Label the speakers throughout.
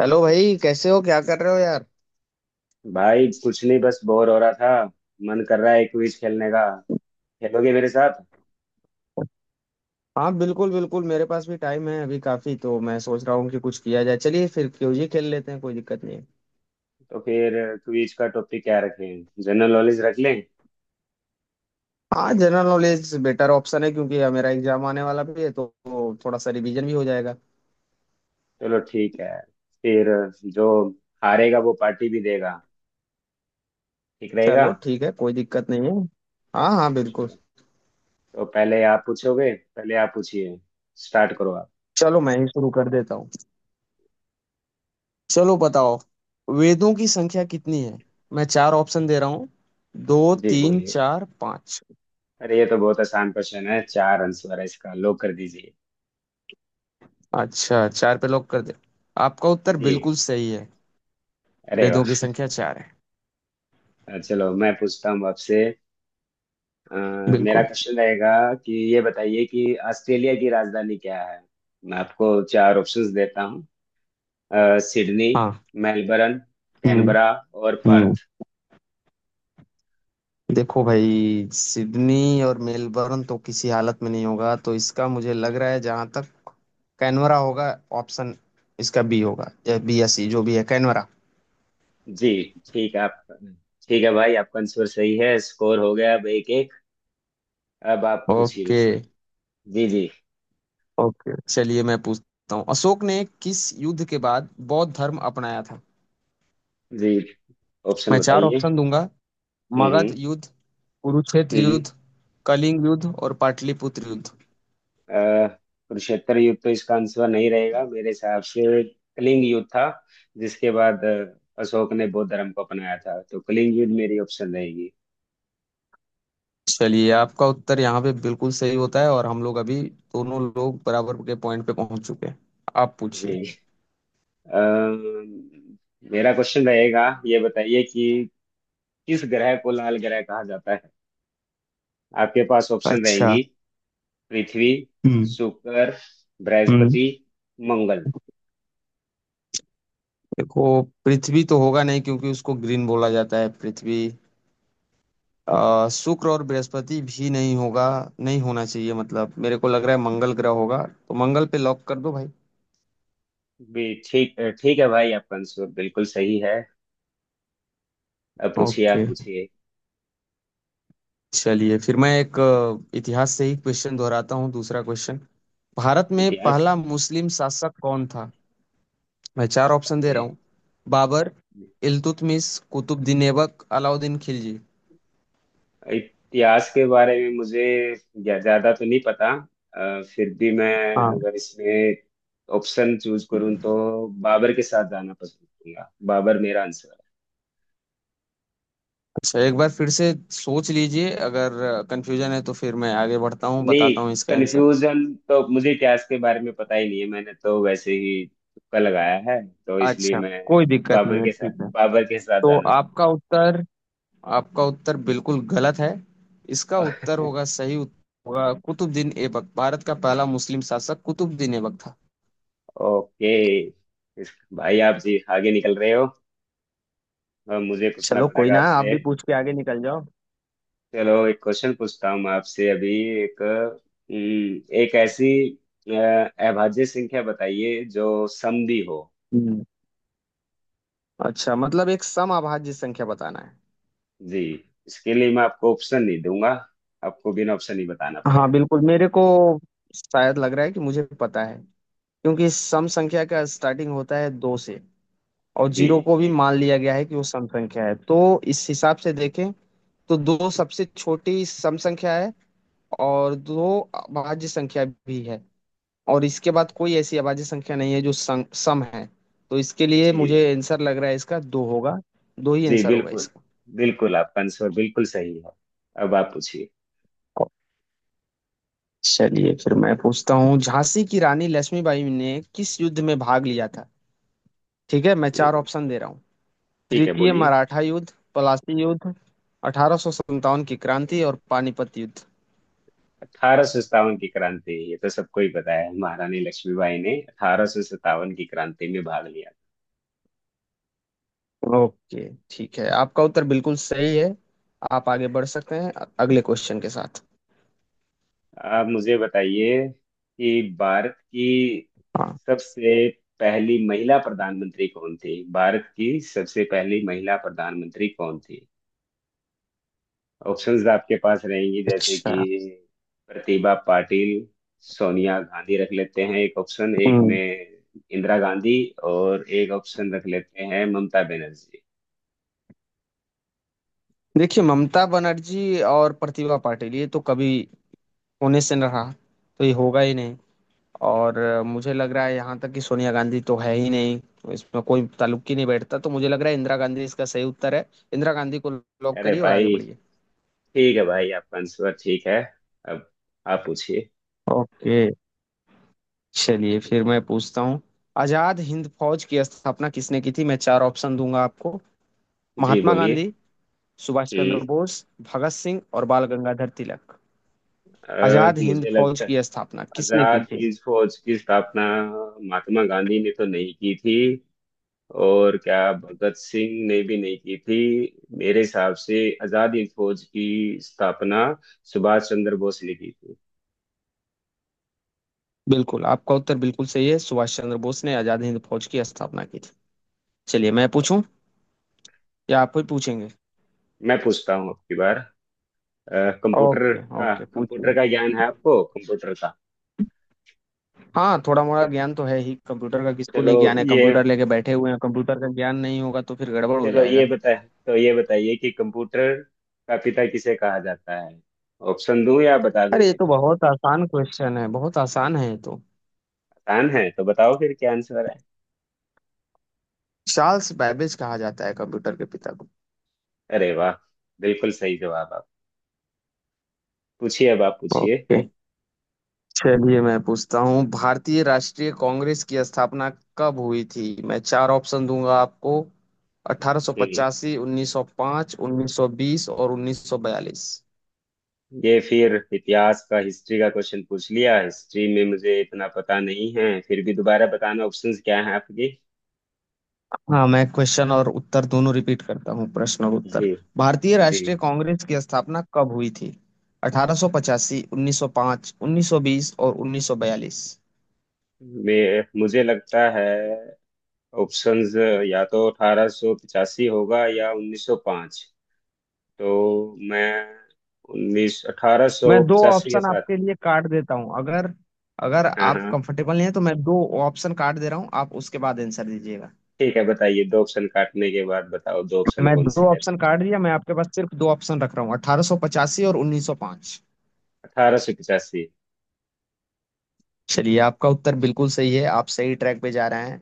Speaker 1: Hello भाई, कैसे हो? क्या कर रहे हो यार?
Speaker 2: भाई कुछ नहीं बस बोर हो रहा था। मन कर रहा है क्विज खेलने का। खेलोगे मेरे साथ?
Speaker 1: हाँ बिल्कुल बिल्कुल, मेरे पास भी टाइम है अभी काफी, तो मैं सोच रहा हूँ कि कुछ किया जाए। चलिए फिर क्यूजी खेल लेते हैं, कोई दिक्कत नहीं है।
Speaker 2: तो फिर क्विज का टॉपिक क्या रखें? जनरल नॉलेज रख लें।
Speaker 1: हाँ, जनरल नॉलेज बेटर ऑप्शन है, क्योंकि यार मेरा एग्जाम आने वाला भी है, तो थोड़ा सा रिवीजन भी हो जाएगा।
Speaker 2: चलो ठीक है। फिर जो हारेगा वो पार्टी भी देगा। ठीक रहेगा?
Speaker 1: चलो ठीक है, कोई दिक्कत नहीं है। हाँ हाँ, बिल्कुल।
Speaker 2: चलो। तो पहले आप पूछोगे, पहले आप पूछिए। स्टार्ट करो आप।
Speaker 1: चलो मैं ही शुरू कर देता हूँ। चलो बताओ, वेदों की संख्या कितनी है? मैं चार ऑप्शन दे रहा हूँ। दो,
Speaker 2: जी
Speaker 1: तीन,
Speaker 2: बोलिए।
Speaker 1: चार, पाँच।
Speaker 2: अरे ये तो बहुत आसान क्वेश्चन है। चार आंसर है इसका। लो कर दीजिए।
Speaker 1: अच्छा, चार पे लॉक कर दे। आपका उत्तर
Speaker 2: जी।
Speaker 1: बिल्कुल सही है।
Speaker 2: अरे वाह।
Speaker 1: वेदों की संख्या चार है।
Speaker 2: चलो मैं पूछता हूँ आपसे। अ, मेरा
Speaker 1: बिल्कुल।
Speaker 2: क्वेश्चन रहेगा कि ये बताइए कि ऑस्ट्रेलिया की राजधानी क्या है। मैं आपको चार ऑप्शंस देता हूँ। सिडनी,
Speaker 1: हाँ।
Speaker 2: मेलबर्न,
Speaker 1: हम्म
Speaker 2: कैनबरा और
Speaker 1: हम्म।
Speaker 2: पर्थ।
Speaker 1: देखो भाई, सिडनी और मेलबर्न तो किसी हालत में नहीं होगा। तो इसका मुझे लग रहा है, जहां तक कैनवरा होगा। ऑप्शन इसका बी होगा, या बी या सी, जो भी है, कैनवरा।
Speaker 2: जी ठीक है आप। ठीक है भाई, आपका आंसर सही है। स्कोर हो गया। अब एक एक। अब आप पूछिए
Speaker 1: ओके।
Speaker 2: मुझसे। जी जी।
Speaker 1: ओके, चलिए मैं पूछता हूँ, अशोक ने किस युद्ध के बाद बौद्ध धर्म अपनाया था?
Speaker 2: जी, ऑप्शन
Speaker 1: मैं चार
Speaker 2: बताइए।
Speaker 1: ऑप्शन दूंगा।
Speaker 2: हम्म
Speaker 1: मगध
Speaker 2: हम्म
Speaker 1: युद्ध, कुरुक्षेत्र
Speaker 2: हम्म।
Speaker 1: युद्ध, कलिंग युद्ध और पाटलिपुत्र युद्ध।
Speaker 2: अह, कुरुक्षेत्र युद्ध तो इसका आंसर नहीं रहेगा। मेरे हिसाब से कलिंग युद्ध था, जिसके बाद अशोक ने बौद्ध धर्म को अपनाया था। तो कलिंग युद्ध मेरी ऑप्शन रहेगी।
Speaker 1: चलिए आपका उत्तर यहाँ पे बिल्कुल सही होता है, और हम लोग अभी दोनों लोग बराबर के पॉइंट पे पहुंच चुके हैं। आप पूछिए।
Speaker 2: नहीं। मेरा क्वेश्चन रहेगा। ये बताइए कि किस ग्रह को लाल ग्रह कहा जाता है। आपके पास ऑप्शन
Speaker 1: अच्छा।
Speaker 2: रहेंगी। पृथ्वी,
Speaker 1: हम्म
Speaker 2: शुक्र,
Speaker 1: हम्म।
Speaker 2: बृहस्पति, मंगल।
Speaker 1: देखो, पृथ्वी तो होगा नहीं, क्योंकि उसको ग्रीन बोला जाता है पृथ्वी। शुक्र और बृहस्पति भी नहीं होगा। नहीं होना चाहिए, मतलब मेरे को लग रहा है मंगल ग्रह होगा। तो मंगल पे लॉक कर दो भाई।
Speaker 2: भी ठीक। ठीक है भाई, आपका आंसर बिल्कुल सही है। अब पूछिए,
Speaker 1: ओके,
Speaker 2: आप पूछिए।
Speaker 1: चलिए फिर मैं एक इतिहास से ही क्वेश्चन दोहराता हूँ, दूसरा क्वेश्चन। भारत में
Speaker 2: इतिहास।
Speaker 1: पहला मुस्लिम शासक कौन था? मैं चार ऑप्शन दे रहा
Speaker 2: बताइए।
Speaker 1: हूँ। बाबर, इल्तुतमिश, कुतुबुद्दीन ऐबक, अलाउद्दीन खिलजी।
Speaker 2: इतिहास के बारे में मुझे ज्यादा तो नहीं पता। फिर भी मैं
Speaker 1: हाँ।
Speaker 2: अगर इसमें ऑप्शन चूज करूँ तो बाबर के साथ जाना पसंद करूंगा। बाबर मेरा आंसर
Speaker 1: अच्छा, एक बार फिर से सोच लीजिए। अगर कंफ्यूजन है तो फिर मैं आगे बढ़ता हूँ,
Speaker 2: है। नहीं,
Speaker 1: बताता हूँ इसका आंसर।
Speaker 2: कंफ्यूजन तो मुझे इतिहास के बारे में पता ही नहीं है। मैंने तो वैसे ही तुक्का लगाया है। तो इसलिए
Speaker 1: अच्छा,
Speaker 2: मैं
Speaker 1: कोई दिक्कत
Speaker 2: बाबर
Speaker 1: नहीं है,
Speaker 2: के साथ
Speaker 1: ठीक है।
Speaker 2: बाबर के साथ
Speaker 1: तो
Speaker 2: जाना
Speaker 1: आपका उत्तर आपका उत्तर बिल्कुल गलत है। इसका उत्तर
Speaker 2: चाहूंगा।
Speaker 1: होगा, सही उत्तर होगा कुतुबुद्दीन ऐबक। भारत का पहला मुस्लिम शासक कुतुबुद्दीन ऐबक था।
Speaker 2: ओके। भाई, आप जी आगे निकल रहे हो। अब मुझे पूछना
Speaker 1: चलो कोई
Speaker 2: पड़ेगा
Speaker 1: ना, आप
Speaker 2: आपसे।
Speaker 1: भी पूछ के आगे निकल जाओ।
Speaker 2: चलो एक क्वेश्चन पूछता हूँ मैं आपसे अभी। एक एक ऐसी अभाज्य संख्या बताइए जो समदी हो।
Speaker 1: हम्म। अच्छा, मतलब एक समअभाज्य संख्या बताना है।
Speaker 2: जी। इसके लिए मैं आपको ऑप्शन नहीं दूंगा। आपको बिना ऑप्शन ही बताना
Speaker 1: हाँ
Speaker 2: पड़ेगा।
Speaker 1: बिल्कुल, मेरे को शायद लग रहा है कि मुझे पता है। क्योंकि सम संख्या का स्टार्टिंग होता है दो से, और
Speaker 2: जी।
Speaker 1: जीरो को भी
Speaker 2: एक।
Speaker 1: मान लिया गया है कि वो सम संख्या है। तो इस हिसाब से देखें तो दो सबसे छोटी सम संख्या है, और दो अभाज्य संख्या भी है। और इसके बाद कोई ऐसी अभाज्य संख्या नहीं है जो सम है। तो इसके लिए
Speaker 2: जी
Speaker 1: मुझे आंसर लग रहा है, इसका दो होगा। दो ही
Speaker 2: जी,
Speaker 1: आंसर होगा
Speaker 2: बिल्कुल।
Speaker 1: इसका।
Speaker 2: बिल्कुल आपका आंसर बिल्कुल सही है। अब आप पूछिए।
Speaker 1: चलिए फिर मैं पूछता हूँ, झांसी की रानी लक्ष्मीबाई ने किस युद्ध में भाग लिया था? ठीक है, मैं चार
Speaker 2: हम्म,
Speaker 1: ऑप्शन दे रहा हूँ।
Speaker 2: ठीक है
Speaker 1: तृतीय
Speaker 2: बोलिए।
Speaker 1: मराठा युद्ध, पलासी युद्ध, 1857 की क्रांति और पानीपत युद्ध।
Speaker 2: अठारह सौ सत्तावन की क्रांति, ये तो सबको ही पता है। महारानी लक्ष्मीबाई ने अठारह सौ सत्तावन की क्रांति में भाग लिया।
Speaker 1: ओके ठीक है, आपका उत्तर बिल्कुल सही है। आप आगे बढ़ सकते हैं अगले क्वेश्चन के साथ।
Speaker 2: आप मुझे बताइए कि भारत की
Speaker 1: हाँ।
Speaker 2: सबसे पहली महिला प्रधानमंत्री कौन थी। भारत की सबसे पहली महिला प्रधानमंत्री कौन थी? ऑप्शंस आपके पास रहेंगी, जैसे
Speaker 1: अच्छा।
Speaker 2: कि प्रतिभा पाटिल, सोनिया गांधी रख लेते हैं एक ऑप्शन एक
Speaker 1: हम्म।
Speaker 2: में, इंदिरा गांधी, और एक ऑप्शन रख लेते हैं ममता बनर्जी।
Speaker 1: देखिए, ममता बनर्जी और प्रतिभा पाटिल, ये तो कभी होने से न रहा, तो ये होगा ही नहीं। और मुझे लग रहा है यहाँ तक कि सोनिया गांधी तो है ही नहीं, तो इसमें कोई ताल्लुक ही नहीं बैठता। तो मुझे लग रहा है इंदिरा गांधी इसका सही उत्तर है। इंदिरा गांधी को लॉक
Speaker 2: अरे
Speaker 1: करिए और आगे
Speaker 2: भाई।
Speaker 1: बढ़िए।
Speaker 2: ठीक है भाई, आपका आंसर ठीक है। अब आप पूछिए।
Speaker 1: ओके, चलिए फिर मैं पूछता हूँ, आजाद हिंद फौज की स्थापना किसने की थी? मैं चार ऑप्शन दूंगा आपको।
Speaker 2: जी
Speaker 1: महात्मा
Speaker 2: बोलिए।
Speaker 1: गांधी, सुभाष चंद्र
Speaker 2: हम्म,
Speaker 1: बोस, भगत सिंह और बाल गंगाधर तिलक। आजाद हिंद
Speaker 2: मुझे
Speaker 1: फौज
Speaker 2: लगता,
Speaker 1: की स्थापना किसने की
Speaker 2: आजाद
Speaker 1: थी?
Speaker 2: हिंद फौज की स्थापना महात्मा गांधी ने तो नहीं की थी। और क्या भगत सिंह ने भी नहीं की थी। मेरे हिसाब से आजाद हिंद फौज की स्थापना सुभाष चंद्र बोस ने की थी।
Speaker 1: बिल्कुल, आपका उत्तर बिल्कुल सही है। सुभाष चंद्र बोस ने आजाद हिंद फौज की स्थापना की थी। चलिए, मैं पूछूं या आप ही पूछेंगे?
Speaker 2: मैं पूछता हूँ आपकी बार। कंप्यूटर
Speaker 1: ओके
Speaker 2: का
Speaker 1: ओके, पूछिए।
Speaker 2: कंप्यूटर का ज्ञान है आपको? कंप्यूटर का।
Speaker 1: हाँ, थोड़ा मोड़ा ज्ञान तो है ही कंप्यूटर का। किसको
Speaker 2: चलो
Speaker 1: नहीं ज्ञान है,
Speaker 2: ये
Speaker 1: कंप्यूटर लेके बैठे हुए हैं, कंप्यूटर का ज्ञान नहीं होगा तो फिर गड़बड़ हो
Speaker 2: चलो ये
Speaker 1: जाएगा।
Speaker 2: बता तो ये बताइए कि कंप्यूटर का पिता किसे कहा जाता है। ऑप्शन दूं या बता
Speaker 1: अरे, ये
Speaker 2: दोगे?
Speaker 1: तो बहुत आसान क्वेश्चन है, बहुत आसान है ये तो।
Speaker 2: आसान है तो बताओ फिर, क्या आंसर है?
Speaker 1: चार्ल्स बैबेज कहा जाता है कंप्यूटर के पिता को।
Speaker 2: अरे वाह, बिल्कुल सही जवाब। आप पूछिए, अब आप पूछिए।
Speaker 1: ओके, चलिए मैं पूछता हूँ, भारतीय राष्ट्रीय कांग्रेस की स्थापना कब हुई थी? मैं चार ऑप्शन दूंगा आपको।
Speaker 2: हम्म।
Speaker 1: 1885, 1905, 1920 और 1942।
Speaker 2: ये फिर इतिहास का, हिस्ट्री का क्वेश्चन पूछ लिया। हिस्ट्री में मुझे इतना पता नहीं है। फिर भी दोबारा बताना, ऑप्शंस क्या हैं आपके?
Speaker 1: हाँ, मैं क्वेश्चन और उत्तर दोनों रिपीट करता हूँ, प्रश्न और उत्तर।
Speaker 2: जी
Speaker 1: भारतीय
Speaker 2: जी।
Speaker 1: राष्ट्रीय कांग्रेस की स्थापना कब हुई थी? 1885, 1905, 1920 और 1942।
Speaker 2: मैं मुझे लगता है ऑप्शंस या तो 1885 होगा या 1905। तो मैं उन्नीस
Speaker 1: मैं दो
Speaker 2: 1885 के
Speaker 1: ऑप्शन
Speaker 2: साथ।
Speaker 1: आपके लिए काट देता हूँ, अगर अगर
Speaker 2: हाँ
Speaker 1: आप
Speaker 2: हाँ।
Speaker 1: कंफर्टेबल नहीं है तो मैं दो ऑप्शन काट दे रहा हूँ, आप उसके बाद आंसर दीजिएगा।
Speaker 2: ठीक है, बताइए। दो ऑप्शन काटने के बाद बताओ, दो ऑप्शन
Speaker 1: मैं
Speaker 2: कौन
Speaker 1: दो
Speaker 2: सी है?
Speaker 1: ऑप्शन काट दिया, मैं आपके पास सिर्फ दो ऑप्शन रख रहा हूँ, 1885 और 1905।
Speaker 2: 1885।
Speaker 1: चलिए आपका उत्तर बिल्कुल सही है, आप सही ट्रैक पे जा रहे हैं।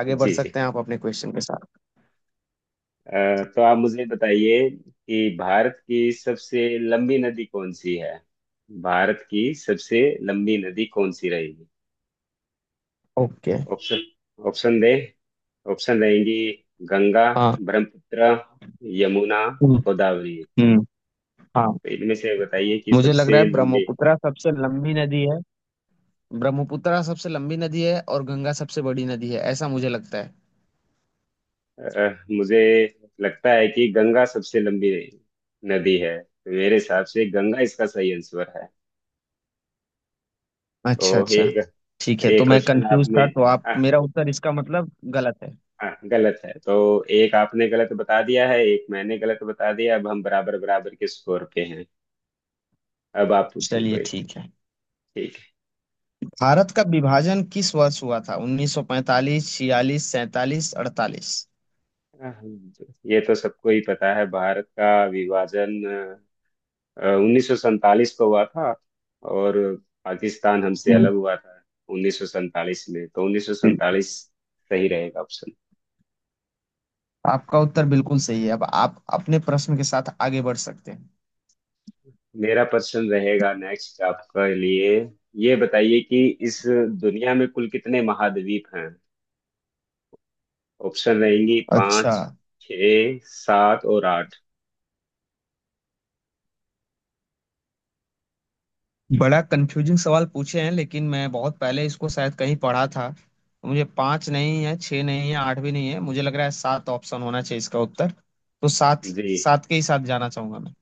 Speaker 1: आगे बढ़
Speaker 2: जी जी।
Speaker 1: सकते हैं आप अपने क्वेश्चन के साथ।
Speaker 2: तो आप मुझे बताइए कि भारत की सबसे लंबी नदी कौन सी है। भारत की सबसे लंबी नदी कौन सी रहेगी?
Speaker 1: ओके।
Speaker 2: ऑप्शन ऑप्शन दे ऑप्शन रहेंगी। गंगा,
Speaker 1: हाँ।
Speaker 2: ब्रह्मपुत्र, यमुना,
Speaker 1: हम्म।
Speaker 2: गोदावरी।
Speaker 1: हम्म, हाँ,
Speaker 2: तो इनमें से बताइए कि
Speaker 1: मुझे लग रहा
Speaker 2: सबसे
Speaker 1: है
Speaker 2: लंबी।
Speaker 1: ब्रह्मपुत्र सबसे लंबी नदी है। ब्रह्मपुत्र सबसे लंबी नदी है और गंगा सबसे बड़ी नदी है, ऐसा मुझे लगता है।
Speaker 2: मुझे लगता है कि गंगा सबसे लंबी नदी है। तो मेरे हिसाब से गंगा इसका सही आंसर है। तो
Speaker 1: अच्छा अच्छा,
Speaker 2: एक,
Speaker 1: ठीक है। तो
Speaker 2: एक
Speaker 1: मैं
Speaker 2: क्वेश्चन
Speaker 1: कंफ्यूज
Speaker 2: आपने,
Speaker 1: था, तो आप,
Speaker 2: हाँ,
Speaker 1: मेरा उत्तर इसका मतलब गलत है।
Speaker 2: हाँ गलत है। तो एक आपने गलत बता दिया है, एक मैंने गलत बता दिया। अब हम बराबर बराबर के स्कोर पे हैं। अब आप पूछिए
Speaker 1: चलिए
Speaker 2: कोई।
Speaker 1: ठीक है।
Speaker 2: ठीक है।
Speaker 1: भारत का विभाजन किस वर्ष हुआ था? 1945, 46, 47, 48।
Speaker 2: हाँ, ये तो सबको ही पता है। भारत का विभाजन उन्नीस सौ सैंतालीस को हुआ था और पाकिस्तान हमसे
Speaker 1: हम्म,
Speaker 2: अलग हुआ था उन्नीस सौ सैंतालीस में। तो उन्नीस सौ
Speaker 1: बिल-
Speaker 2: सैंतालीस सही रहेगा ऑप्शन।
Speaker 1: आपका उत्तर बिल्कुल सही है। अब आप अपने प्रश्न के साथ आगे बढ़ सकते हैं।
Speaker 2: मेरा प्रश्न रहेगा नेक्स्ट आपके लिए। ये बताइए कि इस दुनिया में कुल कितने महाद्वीप हैं। ऑप्शन रहेंगी
Speaker 1: अच्छा,
Speaker 2: पाँच, छ, सात और आठ।
Speaker 1: बड़ा कंफ्यूजिंग सवाल पूछे हैं, लेकिन मैं बहुत पहले इसको शायद कहीं पढ़ा था। मुझे पांच नहीं है, छह नहीं है, आठ भी नहीं है, मुझे लग रहा है सात ऑप्शन होना चाहिए इसका उत्तर। तो सात,
Speaker 2: जी।
Speaker 1: सात के ही साथ जाना चाहूंगा।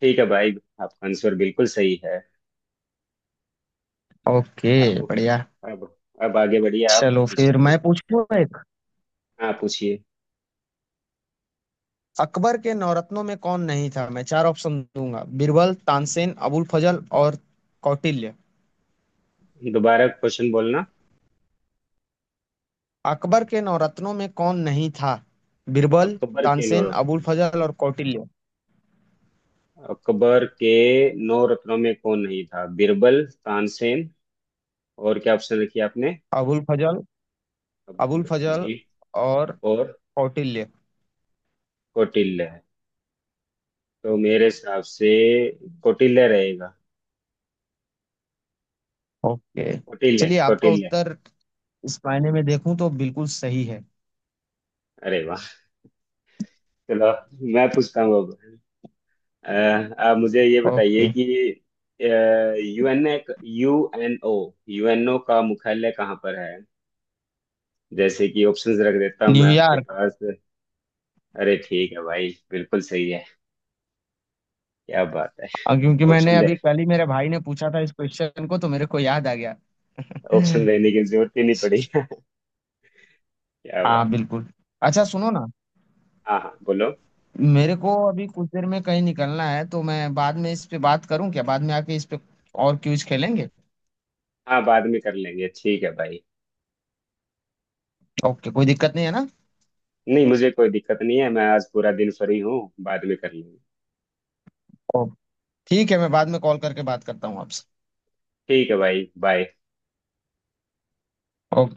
Speaker 2: ठीक है भाई, आपका आंसर बिल्कुल सही है।
Speaker 1: ओके
Speaker 2: आप
Speaker 1: बढ़िया।
Speaker 2: अब अब आगे बढ़िए। आप
Speaker 1: चलो
Speaker 2: पूछिए
Speaker 1: फिर
Speaker 2: तो।
Speaker 1: मैं पूछूं एक,
Speaker 2: हाँ पूछिए।
Speaker 1: अकबर के नवरत्नों में कौन नहीं था? मैं चार ऑप्शन दूंगा। बीरबल, तानसेन, अबुल फजल और कौटिल्य।
Speaker 2: दोबारा क्वेश्चन बोलना।
Speaker 1: अकबर के नवरत्नों में कौन नहीं था? बीरबल,
Speaker 2: अकबर के नौ
Speaker 1: तानसेन। अबुल
Speaker 2: रत्न
Speaker 1: फजल और कौटिल्य।
Speaker 2: अकबर के नौ रत्नों में कौन नहीं था? बीरबल, तानसेन, और क्या ऑप्शन रखी आपने?
Speaker 1: अबुल फजल। अबुल
Speaker 2: अब्दुल।
Speaker 1: फजल
Speaker 2: जी,
Speaker 1: और
Speaker 2: और
Speaker 1: कौटिल्य।
Speaker 2: कौटिल्य। तो मेरे हिसाब से कौटिल्य रहेगा।
Speaker 1: ओके,
Speaker 2: कौटिल्य,
Speaker 1: चलिए आपका
Speaker 2: कौटिल्य।
Speaker 1: उत्तर इस मायने में देखूं तो बिल्कुल सही है।
Speaker 2: अरे वाह। चलो मैं पूछता हूँ अब। अ, आप मुझे ये बताइए
Speaker 1: ओके।
Speaker 2: कि यूएन यूएनओ यूएनओ का मुख्यालय कहाँ पर है? जैसे कि ऑप्शंस रख देता हूँ मैं आपके
Speaker 1: न्यूयॉर्क।
Speaker 2: पास। अरे ठीक है भाई, बिल्कुल सही है। क्या बात है।
Speaker 1: क्योंकि मैंने
Speaker 2: ऑप्शन दे
Speaker 1: अभी कल ही, मेरे भाई ने पूछा था इस क्वेश्चन को तो मेरे को याद आ गया।
Speaker 2: ऑप्शन देने की जरूरत ही नहीं पड़ी। क्या
Speaker 1: हाँ
Speaker 2: बात।
Speaker 1: बिल्कुल। अच्छा सुनो ना,
Speaker 2: हाँ हाँ बोलो।
Speaker 1: मेरे को अभी कुछ देर में कहीं निकलना है। तो मैं बाद में इस पे बात करूं क्या? बाद में आके इस पे और क्विज खेलेंगे।
Speaker 2: हाँ, बाद में कर लेंगे, ठीक है भाई।
Speaker 1: ओके, कोई दिक्कत नहीं है ना?
Speaker 2: नहीं, मुझे कोई दिक्कत नहीं है। मैं आज पूरा दिन फ्री हूँ। बाद में कर लेंगे।
Speaker 1: ओके, ठीक है, मैं बाद में कॉल करके बात करता हूँ आपसे।
Speaker 2: ठीक है भाई, बाय।
Speaker 1: ओके।